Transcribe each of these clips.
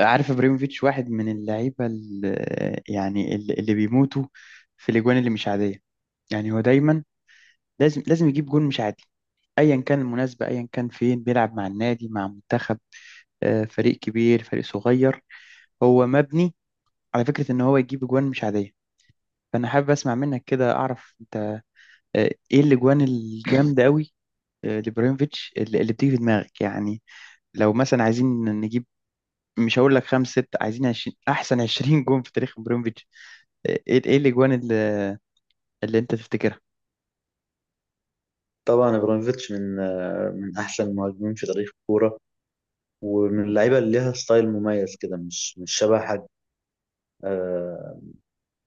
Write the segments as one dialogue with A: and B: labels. A: عارف ابراهيموفيتش واحد من اللعيبه اللي بيموتوا في الاجوان اللي مش عاديه. يعني هو دايما لازم يجيب جون مش عادي، ايا كان المناسبه، ايا كان فين بيلعب، مع النادي مع منتخب، فريق كبير فريق صغير. هو مبني على فكره ان هو يجيب اجوان مش عاديه. فانا حابب اسمع منك كده، اعرف انت ايه الاجوان الجامده قوي لابراهيموفيتش اللي بتيجي في دماغك. يعني لو مثلا عايزين نجيب، مش هقول لك خمس ست، عايزين 20، احسن 20 جون في تاريخ ابراهيموفيتش. ايه الاجوان اللي انت تفتكرها؟
B: طبعا ابراهيموفيتش من من احسن المهاجمين في تاريخ الكوره، ومن اللعيبه اللي ليها ستايل مميز كده، مش شبه حد. آه،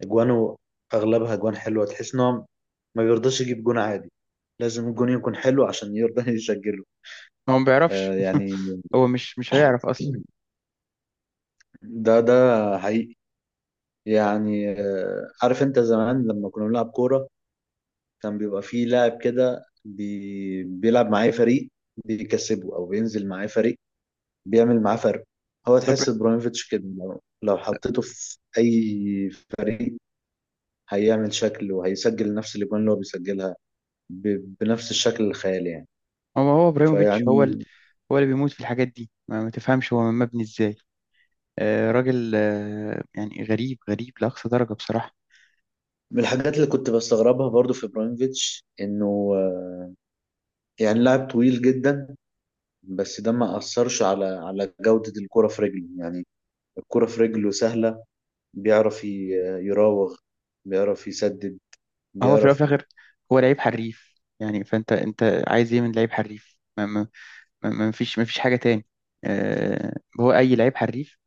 B: اجوانه اغلبها اجوان حلوه، تحس ان هو ما بيرضاش يجيب جون عادي، لازم الجون يكون حلو عشان يرضى يسجله.
A: هو ما بيعرفش،
B: يعني
A: هو مش هيعرف اصلا.
B: ده حقيقي. يعني عارف انت زمان لما كنا بنلعب كوره، كان بيبقى فيه لاعب كده بيلعب معاه فريق بيكسبه، او بينزل معاه فريق بيعمل معاه فرق. هو
A: ده بر...
B: تحس ابراهيموفيتش كده لو حطيته في اي فريق هيعمل شكل وهيسجل نفس الاجوان اللي هو بيسجلها بنفس الشكل الخيالي يعني.
A: هو هو ابراهيموفيتش هو ال...
B: فيعني
A: هو اللي بيموت في الحاجات دي، ما تفهمش هو مبني ازاي. آه راجل، آه يعني غريب لاقصى درجة بصراحة.
B: من الحاجات اللي كنت بستغربها برضو في ابراهيموفيتش انه، يعني، لاعب طويل جدا، بس ده ما اثرش على جودة الكرة في رجله يعني. الكرة في رجله سهلة، بيعرف يراوغ، بيعرف يسدد،
A: هو في الاول
B: بيعرف
A: وفي الاخر هو لعيب حريف، يعني فانت عايز ايه من لعيب حريف؟ ما فيش حاجة تاني. آه، هو اي لعيب حريف،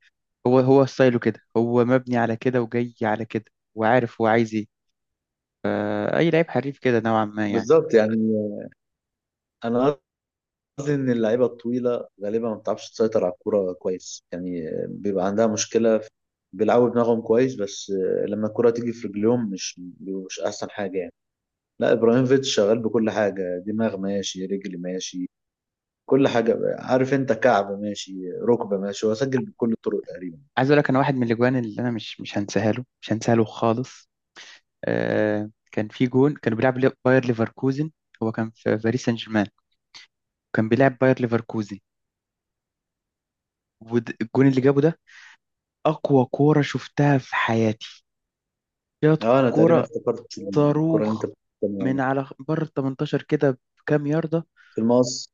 A: هو ستايله كده، هو مبني على كده وجاي على كده وعارف هو عايز ايه. اي لعيب حريف كده نوعا ما يعني.
B: بالظبط يعني. انا قصدي ان اللعيبه الطويله غالبا ما بتعرفش تسيطر على الكوره كويس، يعني بيبقى عندها مشكله بيلعبوا دماغهم كويس، بس لما الكره تيجي في رجليهم مش بيبقوا مش احسن حاجه يعني. لا، ابراهيموفيتش شغال بكل حاجه، دماغ ماشي، رجل ماشي، كل حاجه، عارف انت، كعب ماشي، ركبه ماشي، هو سجل بكل الطرق تقريبا.
A: عايز اقول لك، انا واحد من الاجوان اللي انا مش هنساها له خالص. آه كان في جون كانوا بيلعب باير ليفركوزن. هو كان في باريس سان جيرمان، كان بيلعب باير ليفركوزن، والجون اللي جابه ده اقوى كوره شفتها في حياتي. جت
B: اه انا تقريبا
A: كوره
B: افتكرت الكره اللي انت
A: صاروخ
B: بتتكلم
A: من
B: عنها،
A: على بره ال 18 كده بكام ياردة.
B: في المقص.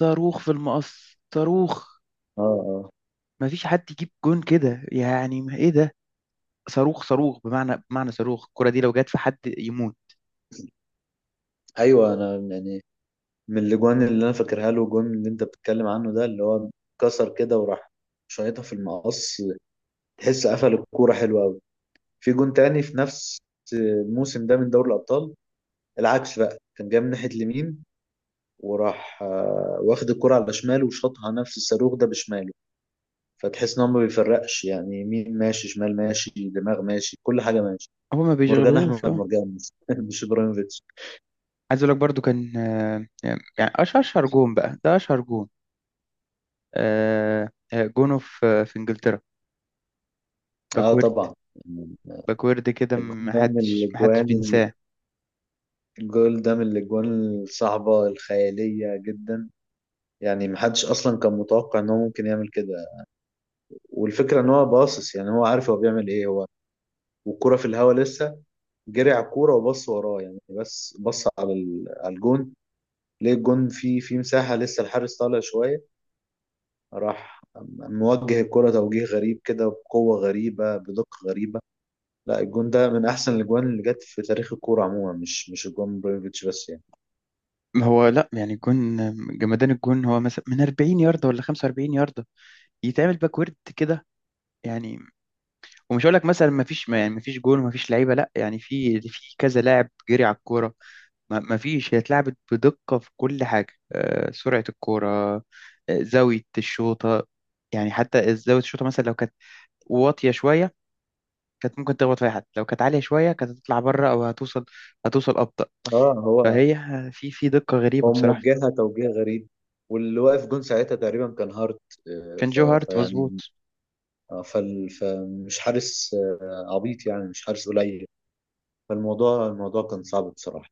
A: صاروخ في المقص، صاروخ.
B: اه، اه،
A: مفيش حد يجيب جون كده، يعني ما ايه ده؟ صاروخ صاروخ، بمعنى صاروخ. الكرة دي لو جت في حد يموت.
B: ايوه. انا يعني من الاجوان اللي انا فاكرها له الجون اللي انت بتتكلم عنه ده، اللي هو كسر كده وراح شايطها في المقص، تحس قفل الكوره حلو قوي. في جون تاني في نفس الموسم ده من دوري الابطال، العكس بقى، كان جاي من ناحيه اليمين وراح واخد الكرة على شماله وشاطها نفس الصاروخ ده بشماله. فتحس ان هو ما بيفرقش يعني، يمين ماشي، شمال ماشي، دماغ ماشي، كل حاجة ماشي.
A: هو ما
B: مرجان
A: بيشغلهوش.
B: احمد مرجان مش ابراهيموفيتش.
A: عايز اقول لك برضو كان، يعني اشهر جون بقى، ده اشهر جون، جونه في في انجلترا،
B: اه
A: باكورد.
B: طبعا. يعني
A: باكورد كده
B: الجون ده من
A: محدش
B: الاجوان،
A: بينساه.
B: الجول ده من الاجوان الصعبة الخيالية جدا، يعني محدش اصلا كان متوقع ان هو ممكن يعمل كده. والفكرة ان هو باصص، يعني هو عارف هو بيعمل ايه، هو والكرة في الهوا لسه جري على الكورة وبص وراه، يعني بس بص على على الجون، ليه الجون في مساحة لسه الحارس طالع شوية، راح موجه الكرة توجيه غريب كده، بقوة غريبة، بدقة غريبة. لا الجون ده من احسن الاجوان اللي جت في تاريخ الكورة عموما، مش الجون بريفيتش بس يعني.
A: ما هو لا، يعني الجون جمدان. الجون هو مثلا من 40 ياردة ولا 45 ياردة يتعمل باكورد كده. يعني ومش هقول لك مثلا ما فيش، ما يعني ما فيش جون وما فيش لعيبة، لا، يعني في في كذا لاعب جري على الكورة. ما فيش، هي اتلعبت بدقة في كل حاجة. سرعة الكورة، آه، زاوية الشوطة. يعني حتى زاوية الشوطة مثلا لو كانت واطية شوية كانت ممكن تخبط في أي حد، لو كانت عالية شوية كانت هتطلع بره أو هتوصل أبطأ.
B: اه، هو
A: فهي في في دقة غريبة
B: هو
A: بصراحة.
B: موجهها توجيه غريب، واللي واقف جون ساعتها تقريبا كان هارت. آه،
A: كان
B: ف...
A: جو هارت
B: فيعني
A: مظبوط.
B: فمش حارس عبيط يعني، مش حارس قليل. فالموضوع كان صعب بصراحة.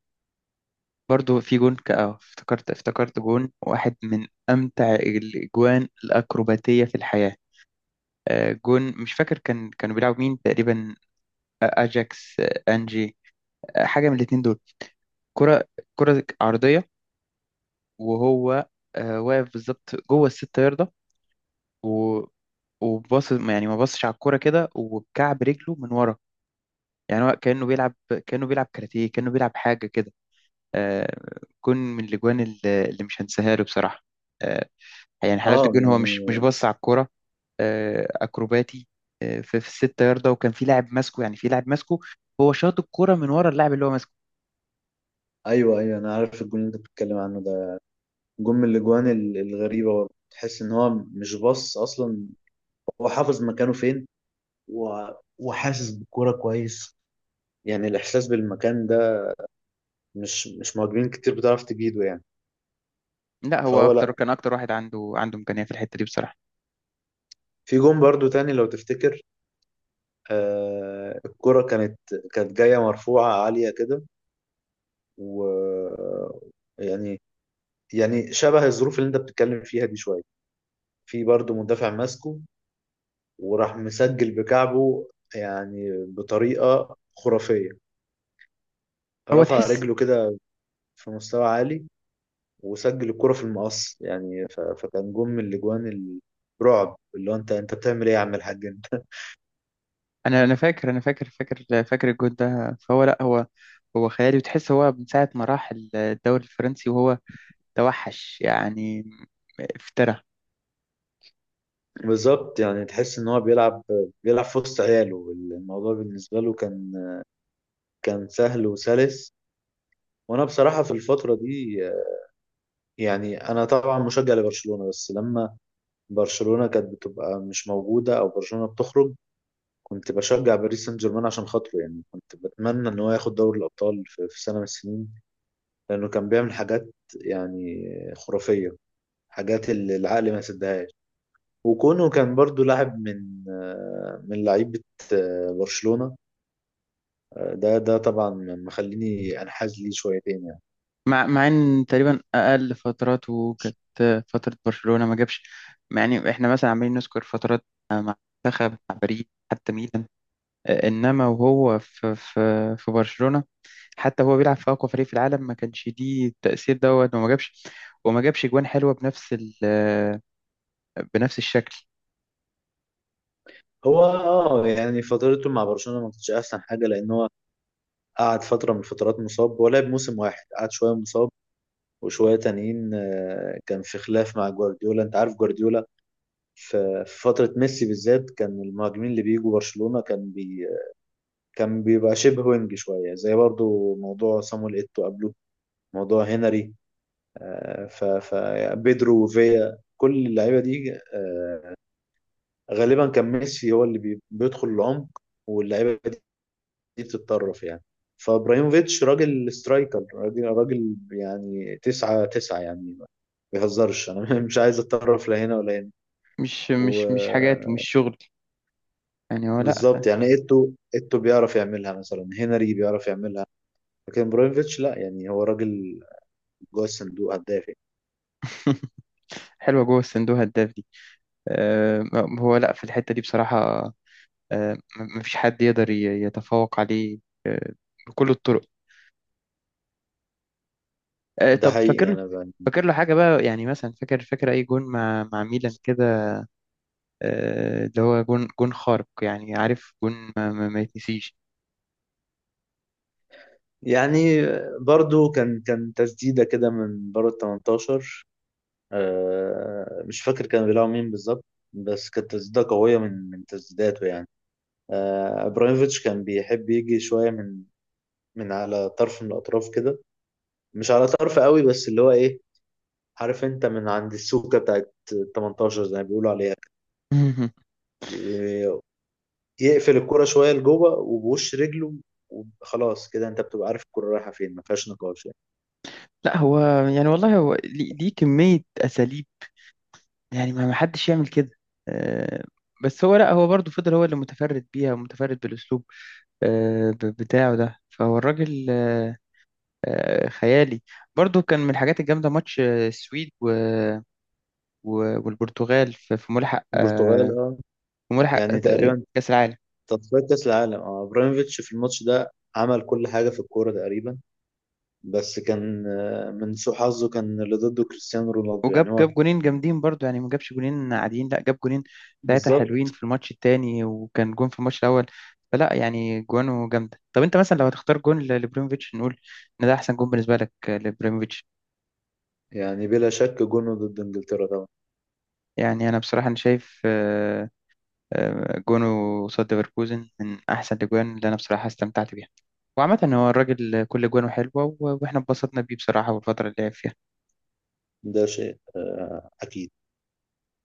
A: برضو في جون افتكرت جون واحد من أمتع الأجوان الأكروباتية في الحياة. جون مش فاكر كان كانوا بيلعبوا مين تقريبا، أجاكس أنجي، حاجة من الاتنين دول. كرة، كرة عرضية، وهو واقف بالظبط جوه الست ياردة و- وباص، يعني ما باصش على الكرة كده، وبكعب رجله من ورا. يعني هو كأنه بيلعب، كأنه بيلعب كاراتيه، كأنه بيلعب حاجة كده. آه، جون من الأجوان اللي مش هنساها له بصراحة. آه، يعني حلاوة
B: اه
A: الجون هو مش
B: يعني
A: مش باص على الكرة. أكروباتي في في الست ياردة، وكان في لاعب ماسكه، يعني في لاعب ماسكه، ههو شاط الكرة من ورا اللاعب اللي هو ماسكه.
B: ايوه، ايوه، انا عارف الجون اللي انت بتتكلم عنه ده. جون من الاجوان الغريبة برضه. تحس ان هو مش باص اصلا، هو حافظ مكانه فين، و... وحاسس بالكورة كويس. يعني الاحساس بالمكان ده مش مهاجمين كتير بتعرف تجيده يعني.
A: لا هو
B: فهو
A: أكتر،
B: لا،
A: كان أكتر واحد عنده إمكانية في الحتة دي بصراحة.
B: في جون برضو تاني لو تفتكر، الكرة كانت، كانت جاية مرفوعة عالية كده، و، يعني، يعني شبه الظروف اللي انت بتتكلم فيها دي شوية. في برضو مدافع ماسكه وراح مسجل بكعبه، يعني بطريقة خرافية،
A: هو
B: رفع
A: تحس.
B: رجله كده في مستوى عالي وسجل الكرة في المقص يعني. فكان جون من الاجوان الرعب، اللي هو انت بتعمل ايه يا عم الحاج انت.
A: انا فاكر الجون ده، فهو لا، هو هو خيالي. وتحس هو من ساعه ما راح الدوري الفرنسي وهو توحش يعني، افترى.
B: بالظبط يعني، تحس ان هو بيلعب، بيلعب في وسط عياله، الموضوع بالنسبة له كان، كان سهل وسلس. وانا بصراحه في الفتره دي، يعني، انا طبعا مشجع لبرشلونه، بس لما برشلونه كانت بتبقى مش موجوده او برشلونه بتخرج كنت بشجع باريس سان جيرمان عشان خاطره. يعني كنت بتمنى ان هو ياخد دوري الابطال في سنه من السنين، لانه كان بيعمل حاجات، يعني، خرافيه، حاجات اللي العقل ما يصدقهاش. وكونه كان برضو لاعب من من لعيبه برشلونه، ده طبعا مخليني انحاز ليه شويتين.
A: مع مع ان تقريبا اقل فتراته كانت فتره برشلونه، ما جابش. يعني احنا مثلا عمالين نذكر فترات، مع منتخب، مع باريس، حتى ميلان، انما وهو في في في برشلونه، حتى هو بيلعب في اقوى فريق في العالم، ما كانش دي التاثير دوت وما جابش. وما جابش جوان حلوه بنفس ال، بنفس الشكل.
B: هو اه يعني فترته مع برشلونة ما كانتش احسن حاجة، لان هو قعد فترة من الفترات مصاب، ولعب موسم واحد قعد شوية مصاب، وشوية تانيين كان في خلاف مع جوارديولا، انت عارف جوارديولا. في فترة ميسي بالذات كان المهاجمين اللي بيجوا برشلونة كان كان بيبقى شبه وينج شوية، زي برضو موضوع صامويل ايتو قبله، موضوع هنري، آه، ف ف بيدرو وفيا، كل اللعيبة دي، غالبا كان ميسي هو اللي بيدخل العمق، واللعيبة دي بتتطرف يعني. فابراهيموفيتش راجل سترايكر، راجل يعني، تسعة يعني، ما بيهزرش انا. مش عايز اتطرف لا هنا ولا هنا.
A: مش حاجات ومش شغل، يعني هو لا.
B: وبالظبط يعني، ايتو بيعرف يعملها، مثلا هنري بيعرف يعملها، لكن ابراهيموفيتش لا، يعني هو راجل جوه الصندوق، هداف يعني.
A: حلوة جوه الصندوق هداف دي. آه، هو لا في الحتة دي بصراحة. مفيش حد يقدر يتفوق عليه بكل الطرق.
B: ده
A: طب فاكر
B: حقيقي
A: له،
B: انا بقى.
A: فاكر له حاجة بقى، يعني مثلا فاكر أي جون مع مع ميلان كده، اللي هو جون خارق، يعني عارف جون ما يتنسيش.
B: يعني برضو كان تسديدة كده من بره ال 18. مش فاكر كان بيلعب مين بالظبط، بس كانت تسديدة قوية من تسديداته يعني. ابراهيموفيتش كان بيحب يجي شويه من من على طرف من الاطراف كده، مش على طرف قوي، بس اللي هو ايه، عارف انت، من عند السوكه بتاعت 18 زي ما بيقولوا عليها، ويقفل الكرة شويه لجوه وبوش رجله، وخلاص كده انت بتبقى عارف الكرة رايحه فين، ما فيهاش نقاش يعني.
A: لا هو، يعني والله هو ليه كمية أساليب، يعني ما ما حدش يعمل كده. آه، بس هو لا، هو برضه فضل هو اللي متفرد بيها ومتفرد بالأسلوب بتاعه ده، فهو الراجل خيالي. برضه كان من الحاجات الجامدة ماتش السويد والبرتغال في في ملحق،
B: البرتغال، اه، يعني تقريبا
A: كأس العالم.
B: تصفيات كاس العالم. اه ابراهيموفيتش في الماتش ده عمل كل حاجه في الكوره تقريبا، بس كان من سوء حظه كان اللي ضده كريستيانو رونالدو
A: وجاب
B: يعني هو.
A: جاب جونين جامدين برضو، يعني ما جابش جونين عاديين، لا جاب جونين ثلاثة حلوين
B: بالظبط
A: في الماتش التاني وكان جون في الماتش الأول. فلا يعني جوانه جامدة. طب أنت مثلا لو هتختار جون لبريموفيتش، نقول إن ده أحسن جون بالنسبة لك لبريموفيتش؟
B: يعني، بلا شك جونه ضد انجلترا طبعا.
A: يعني أنا بصراحة أنا شايف جونه قصاد ليفركوزن من أحسن الأجوان اللي أنا بصراحة استمتعت بيها. وعامة هو الراجل كل جوانه حلوة، وإحنا اتبسطنا بيه بصراحة، والفترة اللي لعب فيها
B: ده شيء اكيد.